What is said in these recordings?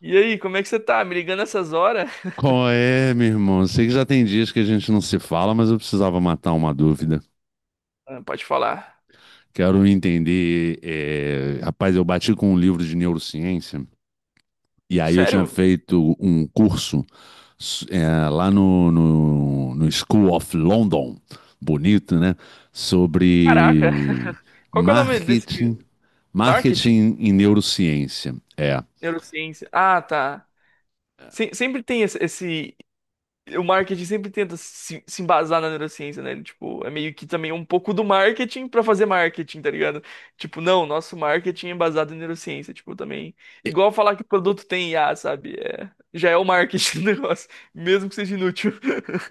E aí, como é que você tá? Me ligando essas horas? Qual é, meu irmão? Sei que já tem dias que a gente não se fala, mas eu precisava matar uma dúvida. Ah, pode falar. Quero entender. Rapaz, eu bati com um livro de neurociência e aí eu tinha Sério? feito um curso lá no School of London, bonito, né? Caraca! Sobre Qual que é o nome desse? marketing, Marketing? marketing e neurociência. É. Neurociência. Ah, tá. Sempre tem esse. O marketing sempre tenta se embasar na neurociência, né? Ele, tipo, é meio que também um pouco do marketing pra fazer marketing, tá ligado? Tipo, não, nosso marketing é baseado em neurociência. Tipo, também. Igual falar que o produto tem IA, sabe? É, já é o marketing do negócio, mesmo que seja inútil.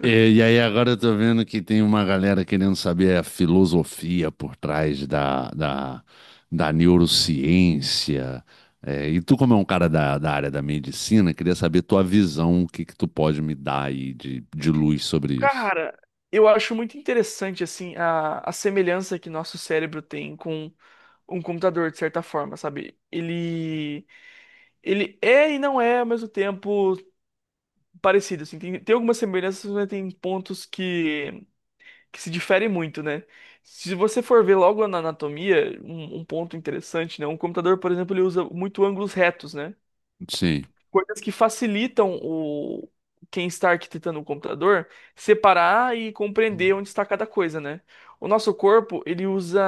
E, e aí agora eu tô vendo que tem uma galera querendo saber a filosofia por trás da neurociência. É, e tu, como é um cara da área da medicina, queria saber tua visão, o que que tu pode me dar aí de luz sobre isso. Cara, eu acho muito interessante assim a semelhança que nosso cérebro tem com um computador de certa forma, sabe? Ele é e não é ao mesmo tempo parecido, assim. Tem algumas semelhanças, mas tem pontos que se diferem muito, né? Se você for ver logo na anatomia, um ponto interessante, né? Um computador, por exemplo, ele usa muito ângulos retos, né? Sim, Coisas que facilitam o quem está arquitetando o computador separar e compreender onde está cada coisa, né? O nosso corpo, ele usa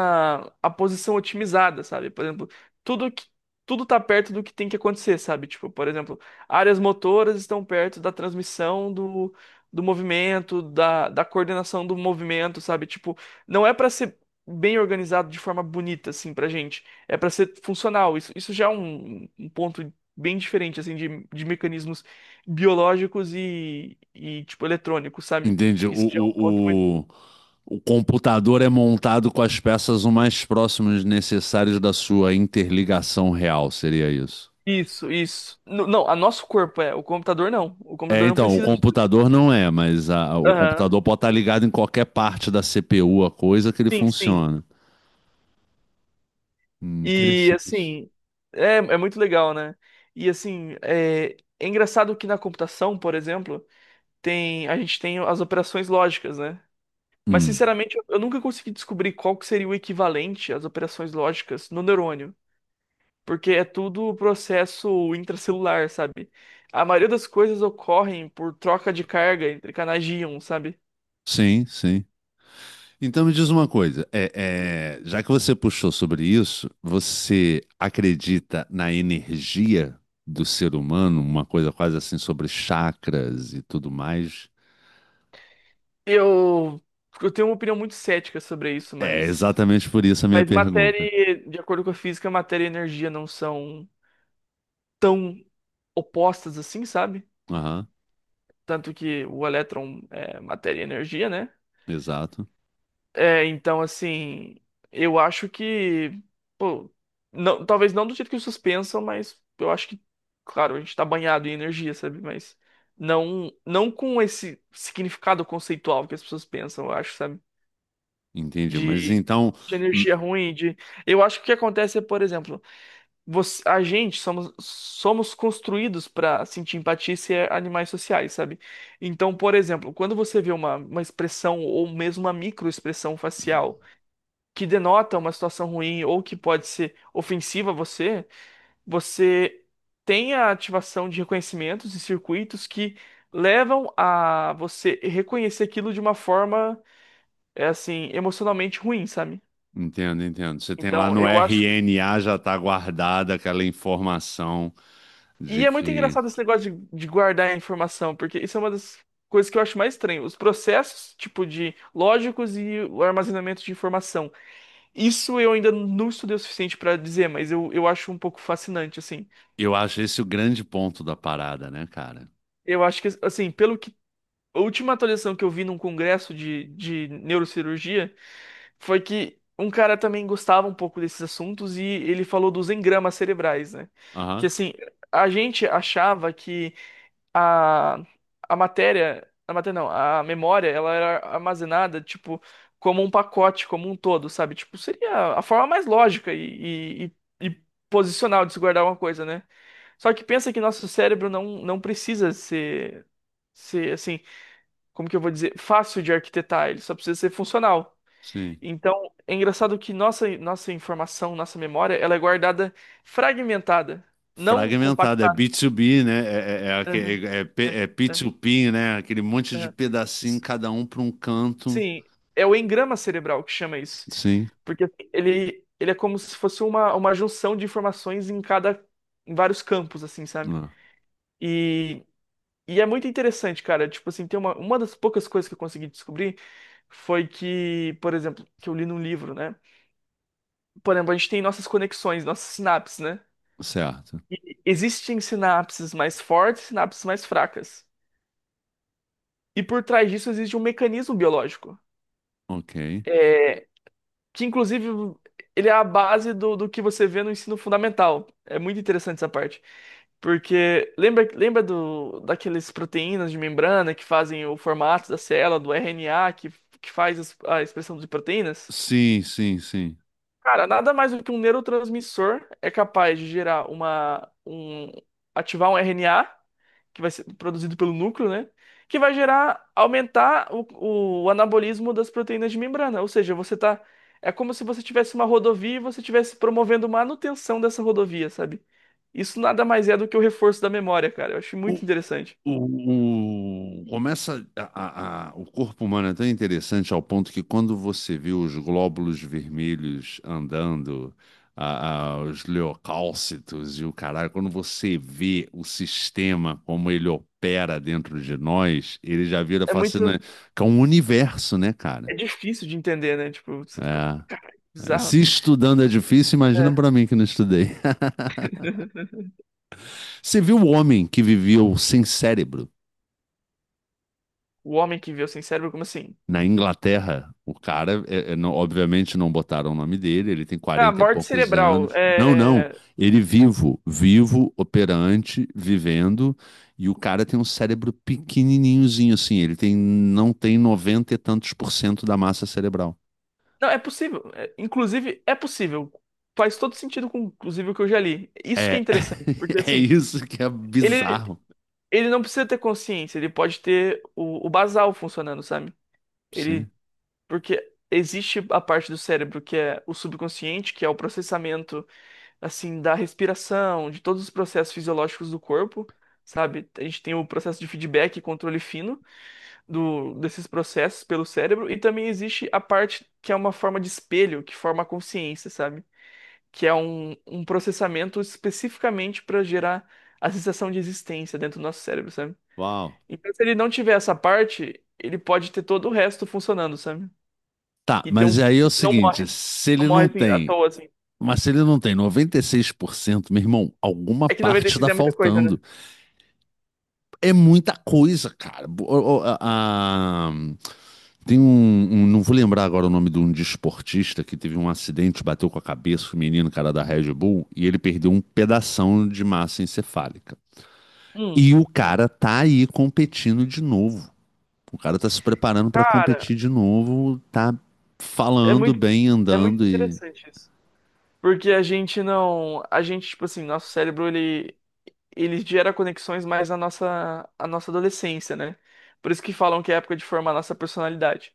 a posição otimizada, sabe? Por exemplo, tudo que tudo tá perto do que tem que acontecer, sabe? Tipo, por exemplo, áreas motoras estão perto da transmissão do movimento, da coordenação do movimento, sabe? Tipo, não é para ser bem organizado de forma bonita, assim, pra gente. É para ser funcional. Isso já é um ponto bem diferente, assim, de mecanismos biológicos tipo, eletrônicos, sabe? entende. Isso já é um ponto muito... O computador é montado com as peças o mais próximas necessárias da sua interligação real, seria isso? Isso, isso. Não, a nosso corpo é, o computador não. O É, computador não então, o precisa... de- computador não é, mas a- o Aham. computador pode estar ligado em qualquer parte da CPU, a coisa que ele Sim, sim. funciona. E, Interessante. assim, é, é muito legal, né? E, assim, é, é engraçado que na computação, por exemplo, tem, a gente tem as operações lógicas, né? Mas, Hum, sinceramente, eu nunca consegui descobrir qual que seria o equivalente às operações lógicas no neurônio. Porque é tudo um processo intracelular, sabe? A maioria das coisas ocorrem por troca de carga entre canais de íon, sabe? sim, sim. Então me diz uma coisa, já que você puxou sobre isso, você acredita na energia do ser humano, uma coisa quase assim sobre chakras e tudo mais? Eu, eu tenho uma opinião muito cética sobre isso, É exatamente por isso a minha mas matéria, pergunta. e- de acordo com a física, matéria e energia não são tão opostas assim, sabe? Aham, Tanto que o elétron é matéria e energia, né? exato. É, então, assim, eu acho que, pô, não, talvez não do jeito que vocês pensam, mas eu acho que, claro, a gente tá banhado em energia, sabe? Mas não, não com esse significado conceitual que as pessoas pensam, eu acho, sabe? Entendi, mas De, então. de energia ruim, de... Eu acho que o que acontece é, por exemplo, você, a gente somos, somos construídos pra sentir empatia e ser animais sociais, sabe? Então, por exemplo, quando você vê uma expressão ou mesmo uma microexpressão Hum. facial que denota uma situação ruim ou que pode ser ofensiva a você, você tem a ativação de reconhecimentos e circuitos que levam a você reconhecer aquilo de uma forma, é assim, emocionalmente ruim, sabe? Entendo, entendo. Você tem lá Então, no eu acho. RNA já está guardada aquela informação E de é muito que. engraçado esse negócio de guardar a informação, porque isso é uma das coisas que eu acho mais estranho. Os processos, tipo, de lógicos e o armazenamento de informação. Isso eu ainda não estudei o suficiente para dizer, mas eu acho um pouco fascinante, assim. Eu acho esse o grande ponto da parada, né, cara? Eu acho que, assim, pelo que. A última atualização que eu vi num congresso de neurocirurgia foi que um cara também gostava um pouco desses assuntos e ele falou dos engramas cerebrais, né? Que, Aham, assim, a gente achava que a, a matéria. A matéria não, a memória, ela era armazenada, tipo, como um pacote, como um todo, sabe? Tipo, seria a forma mais lógica e posicional de se guardar uma coisa, né? Só que pensa que nosso cérebro não precisa ser, assim, como que eu vou dizer, fácil de arquitetar, ele só precisa ser funcional. sim. Então, é engraçado que nossa informação, nossa memória, ela é guardada fragmentada, não Fragmentado, é compactada. B2B, né? É, é, é, aque- Aham, é- é P- é, é é, P2P, né? Aquele monte de aham. pedacinho, Isso. cada um para um canto. Sim, é o engrama cerebral que chama isso, Sim, porque assim, ele é como se fosse uma junção de informações em cada, em vários campos, assim, sabe? ah, E E é muito interessante, cara. Tipo assim, tem uma das poucas coisas que eu consegui descobrir foi que, por exemplo, que eu li num livro, né? Por exemplo, a gente tem nossas conexões, nossas sinapses, né? certo. E existem sinapses mais fortes, sinapses mais fracas. E por trás disso existe um mecanismo biológico. Ok. É, que inclusive ele é a base do que você vê no ensino fundamental. É muito interessante essa parte. Porque lembra, lembra do, daqueles proteínas de membrana que fazem o formato da célula, do RNA, que faz as- a expressão de proteínas? Sim, sim, sim. Cara, nada mais do que um neurotransmissor é capaz de gerar uma, um, ativar um RNA que vai ser produzido pelo núcleo, né? Que vai gerar, aumentar o anabolismo das proteínas de membrana. Ou seja, você tá. É como se você tivesse uma rodovia e você estivesse promovendo manutenção dessa rodovia, sabe? Isso nada mais é do que o reforço da memória, cara. Eu acho muito interessante. Começa o corpo humano é tão interessante ao ponto que quando você vê os glóbulos vermelhos andando, os leucócitos e o caralho, quando você vê o sistema como ele opera dentro de nós, ele já vira É muito. fascinante, que é um universo, né, É cara? difícil de entender, né? Tipo, você fica. É. Cara, É, bizarro. se estudando é difícil, imagina É. pra mim que não estudei. Você viu o homem que viveu sem cérebro? O homem que viveu sem cérebro, como assim? Na Inglaterra, o cara, obviamente não botaram o nome dele, ele tem Ah, 40 e morte poucos cerebral. anos. Não, não, É. ele vivo, vivo, operante, vivendo, e o cara tem um cérebro pequenininhozinho assim, ele tem, não tem 90 e tantos por cento da massa cerebral. Não, é possível. É- inclusive, é possível. Faz todo sentido com, inclusive, o que eu já li. Isso que é É, interessante, porque é assim, isso que é ele, bizarro. ele não precisa ter consciência, ele pode ter o basal funcionando, sabe? Ele, Sim. porque existe a parte do cérebro que é o subconsciente, que é o processamento, assim, da respiração, de todos os processos fisiológicos do corpo, sabe? A gente tem o processo de feedback e controle fino desses processos pelo cérebro, e também existe a parte que é uma forma de espelho, que forma a consciência, sabe? Que é um processamento especificamente para gerar a sensação de existência dentro do nosso cérebro, sabe? Uau. Então, se ele não tiver essa parte, ele pode ter todo o resto funcionando, sabe? Tá, E ter um mas aí é o corpo que não morre, seguinte, se não ele morre não assim, à tem, toa, assim. mas se ele não tem 96%, meu irmão, alguma É que parte 96 está é muita coisa, né? faltando. É muita coisa, cara. a- a- tem um, Não vou lembrar agora o nome de um desportista que teve um acidente, bateu com a cabeça o menino, cara da Red Bull, e ele perdeu um pedação de massa encefálica. Hum, E o cara tá aí competindo de novo. O cara tá se preparando pra cara, competir de novo, tá é falando muito, bem, é muito andando e. interessante isso. Porque a gente não, a gente, tipo assim, nosso cérebro, ele gera conexões mais na nossa, a nossa adolescência, né? Por isso que falam que é a época de formar a nossa personalidade.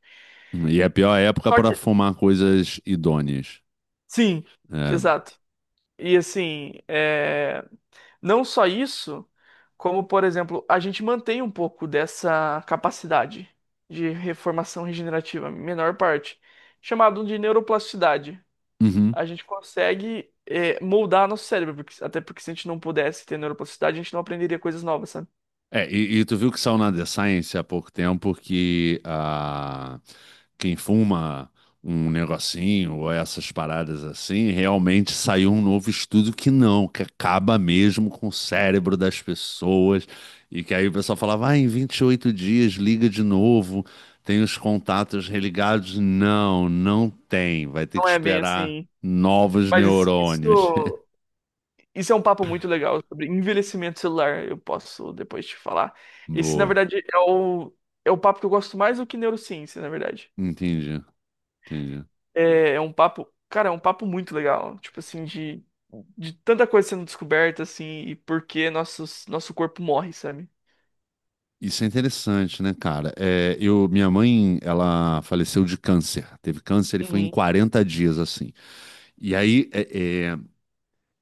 E é a pior época Só pra que fumar coisas idôneas. sim, É. exato. E assim, é, não só isso, como, por exemplo, a gente mantém um pouco dessa capacidade de reformação regenerativa, menor parte, chamado de neuroplasticidade. Uhum. A gente consegue é, moldar nosso cérebro, porque- até porque se a gente não pudesse ter neuroplasticidade, a gente não aprenderia coisas novas, sabe? É, e tu viu que saiu na The Science há pouco tempo que ah, quem fuma um negocinho ou essas paradas assim, realmente saiu um novo estudo que não, que acaba mesmo com o cérebro das pessoas. E que aí o pessoal falava, ah, em 28 dias liga de novo, tem os contatos religados. Não, não tem, vai ter Não que é bem esperar assim. novos Mas isso, neurônios. isso isso é um papo muito legal sobre envelhecimento celular. Eu posso depois te falar. Esse, na Boa, verdade, é é o papo que eu gosto mais do que neurociência, na verdade. entendi, entendi. É, é um papo, cara, é um papo muito legal. Tipo assim, de tanta coisa sendo descoberta, assim, e por que nossos, nosso corpo morre, sabe? Isso é interessante, né, cara? É, eu, minha mãe, ela faleceu de câncer. Teve câncer e foi em Uhum. 40 dias, assim. E aí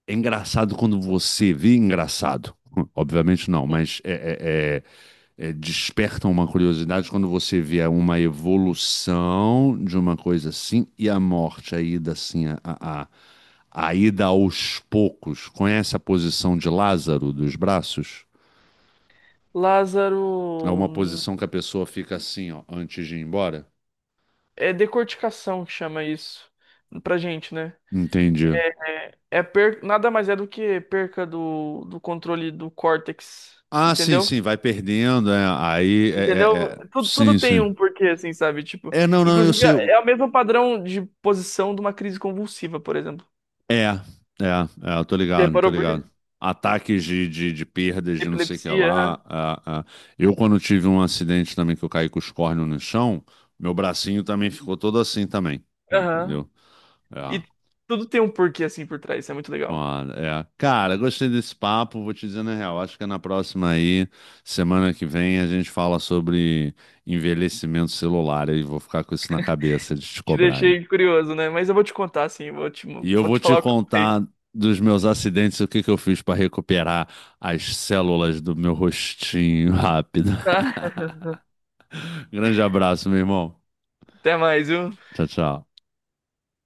é engraçado quando você vê engraçado. Obviamente não, mas é, desperta uma curiosidade quando você vê uma evolução de uma coisa assim e a morte, a ida assim, a ida aos poucos. Conhece a posição de Lázaro dos braços? É Lázaro. uma Hum, posição que a pessoa fica assim, ó, antes de ir embora? é decorticação que chama isso pra gente, né? Entendi. É, nada mais é do que perca do controle do córtex, Ah, sim, entendeu? sim, vai perdendo, é, aí, é, é, Entendeu? é, Tudo, sim, tudo tem sim. um porquê, assim, sabe? Tipo, É, não, não, eu inclusive sei, é é o mesmo padrão de posição de uma crise convulsiva, por exemplo. é, eu tô Você ligado, tô reparou por quê? ligado. Ataques de perdas, de não sei o que Epilepsia, aham. lá, é, é. Eu, quando tive um acidente também, que eu caí com os córneos no chão, meu bracinho também ficou todo assim também, Aham. entendeu? É. E tudo tem um porquê, assim, por trás. Isso é muito legal. Foda, é. Cara, gostei desse papo, vou te dizer na real. Acho que é na próxima aí, semana que vem, a gente fala sobre envelhecimento celular e vou ficar com isso na cabeça de te Te cobrar, hein? deixei curioso, né? Mas eu vou te contar, assim, E eu vou vou te te falar o que eu sei. contar dos meus acidentes, o que que eu fiz para recuperar as células do meu rostinho rápido. Tá? Grande abraço, meu irmão. Até mais, viu? Tchau, tchau.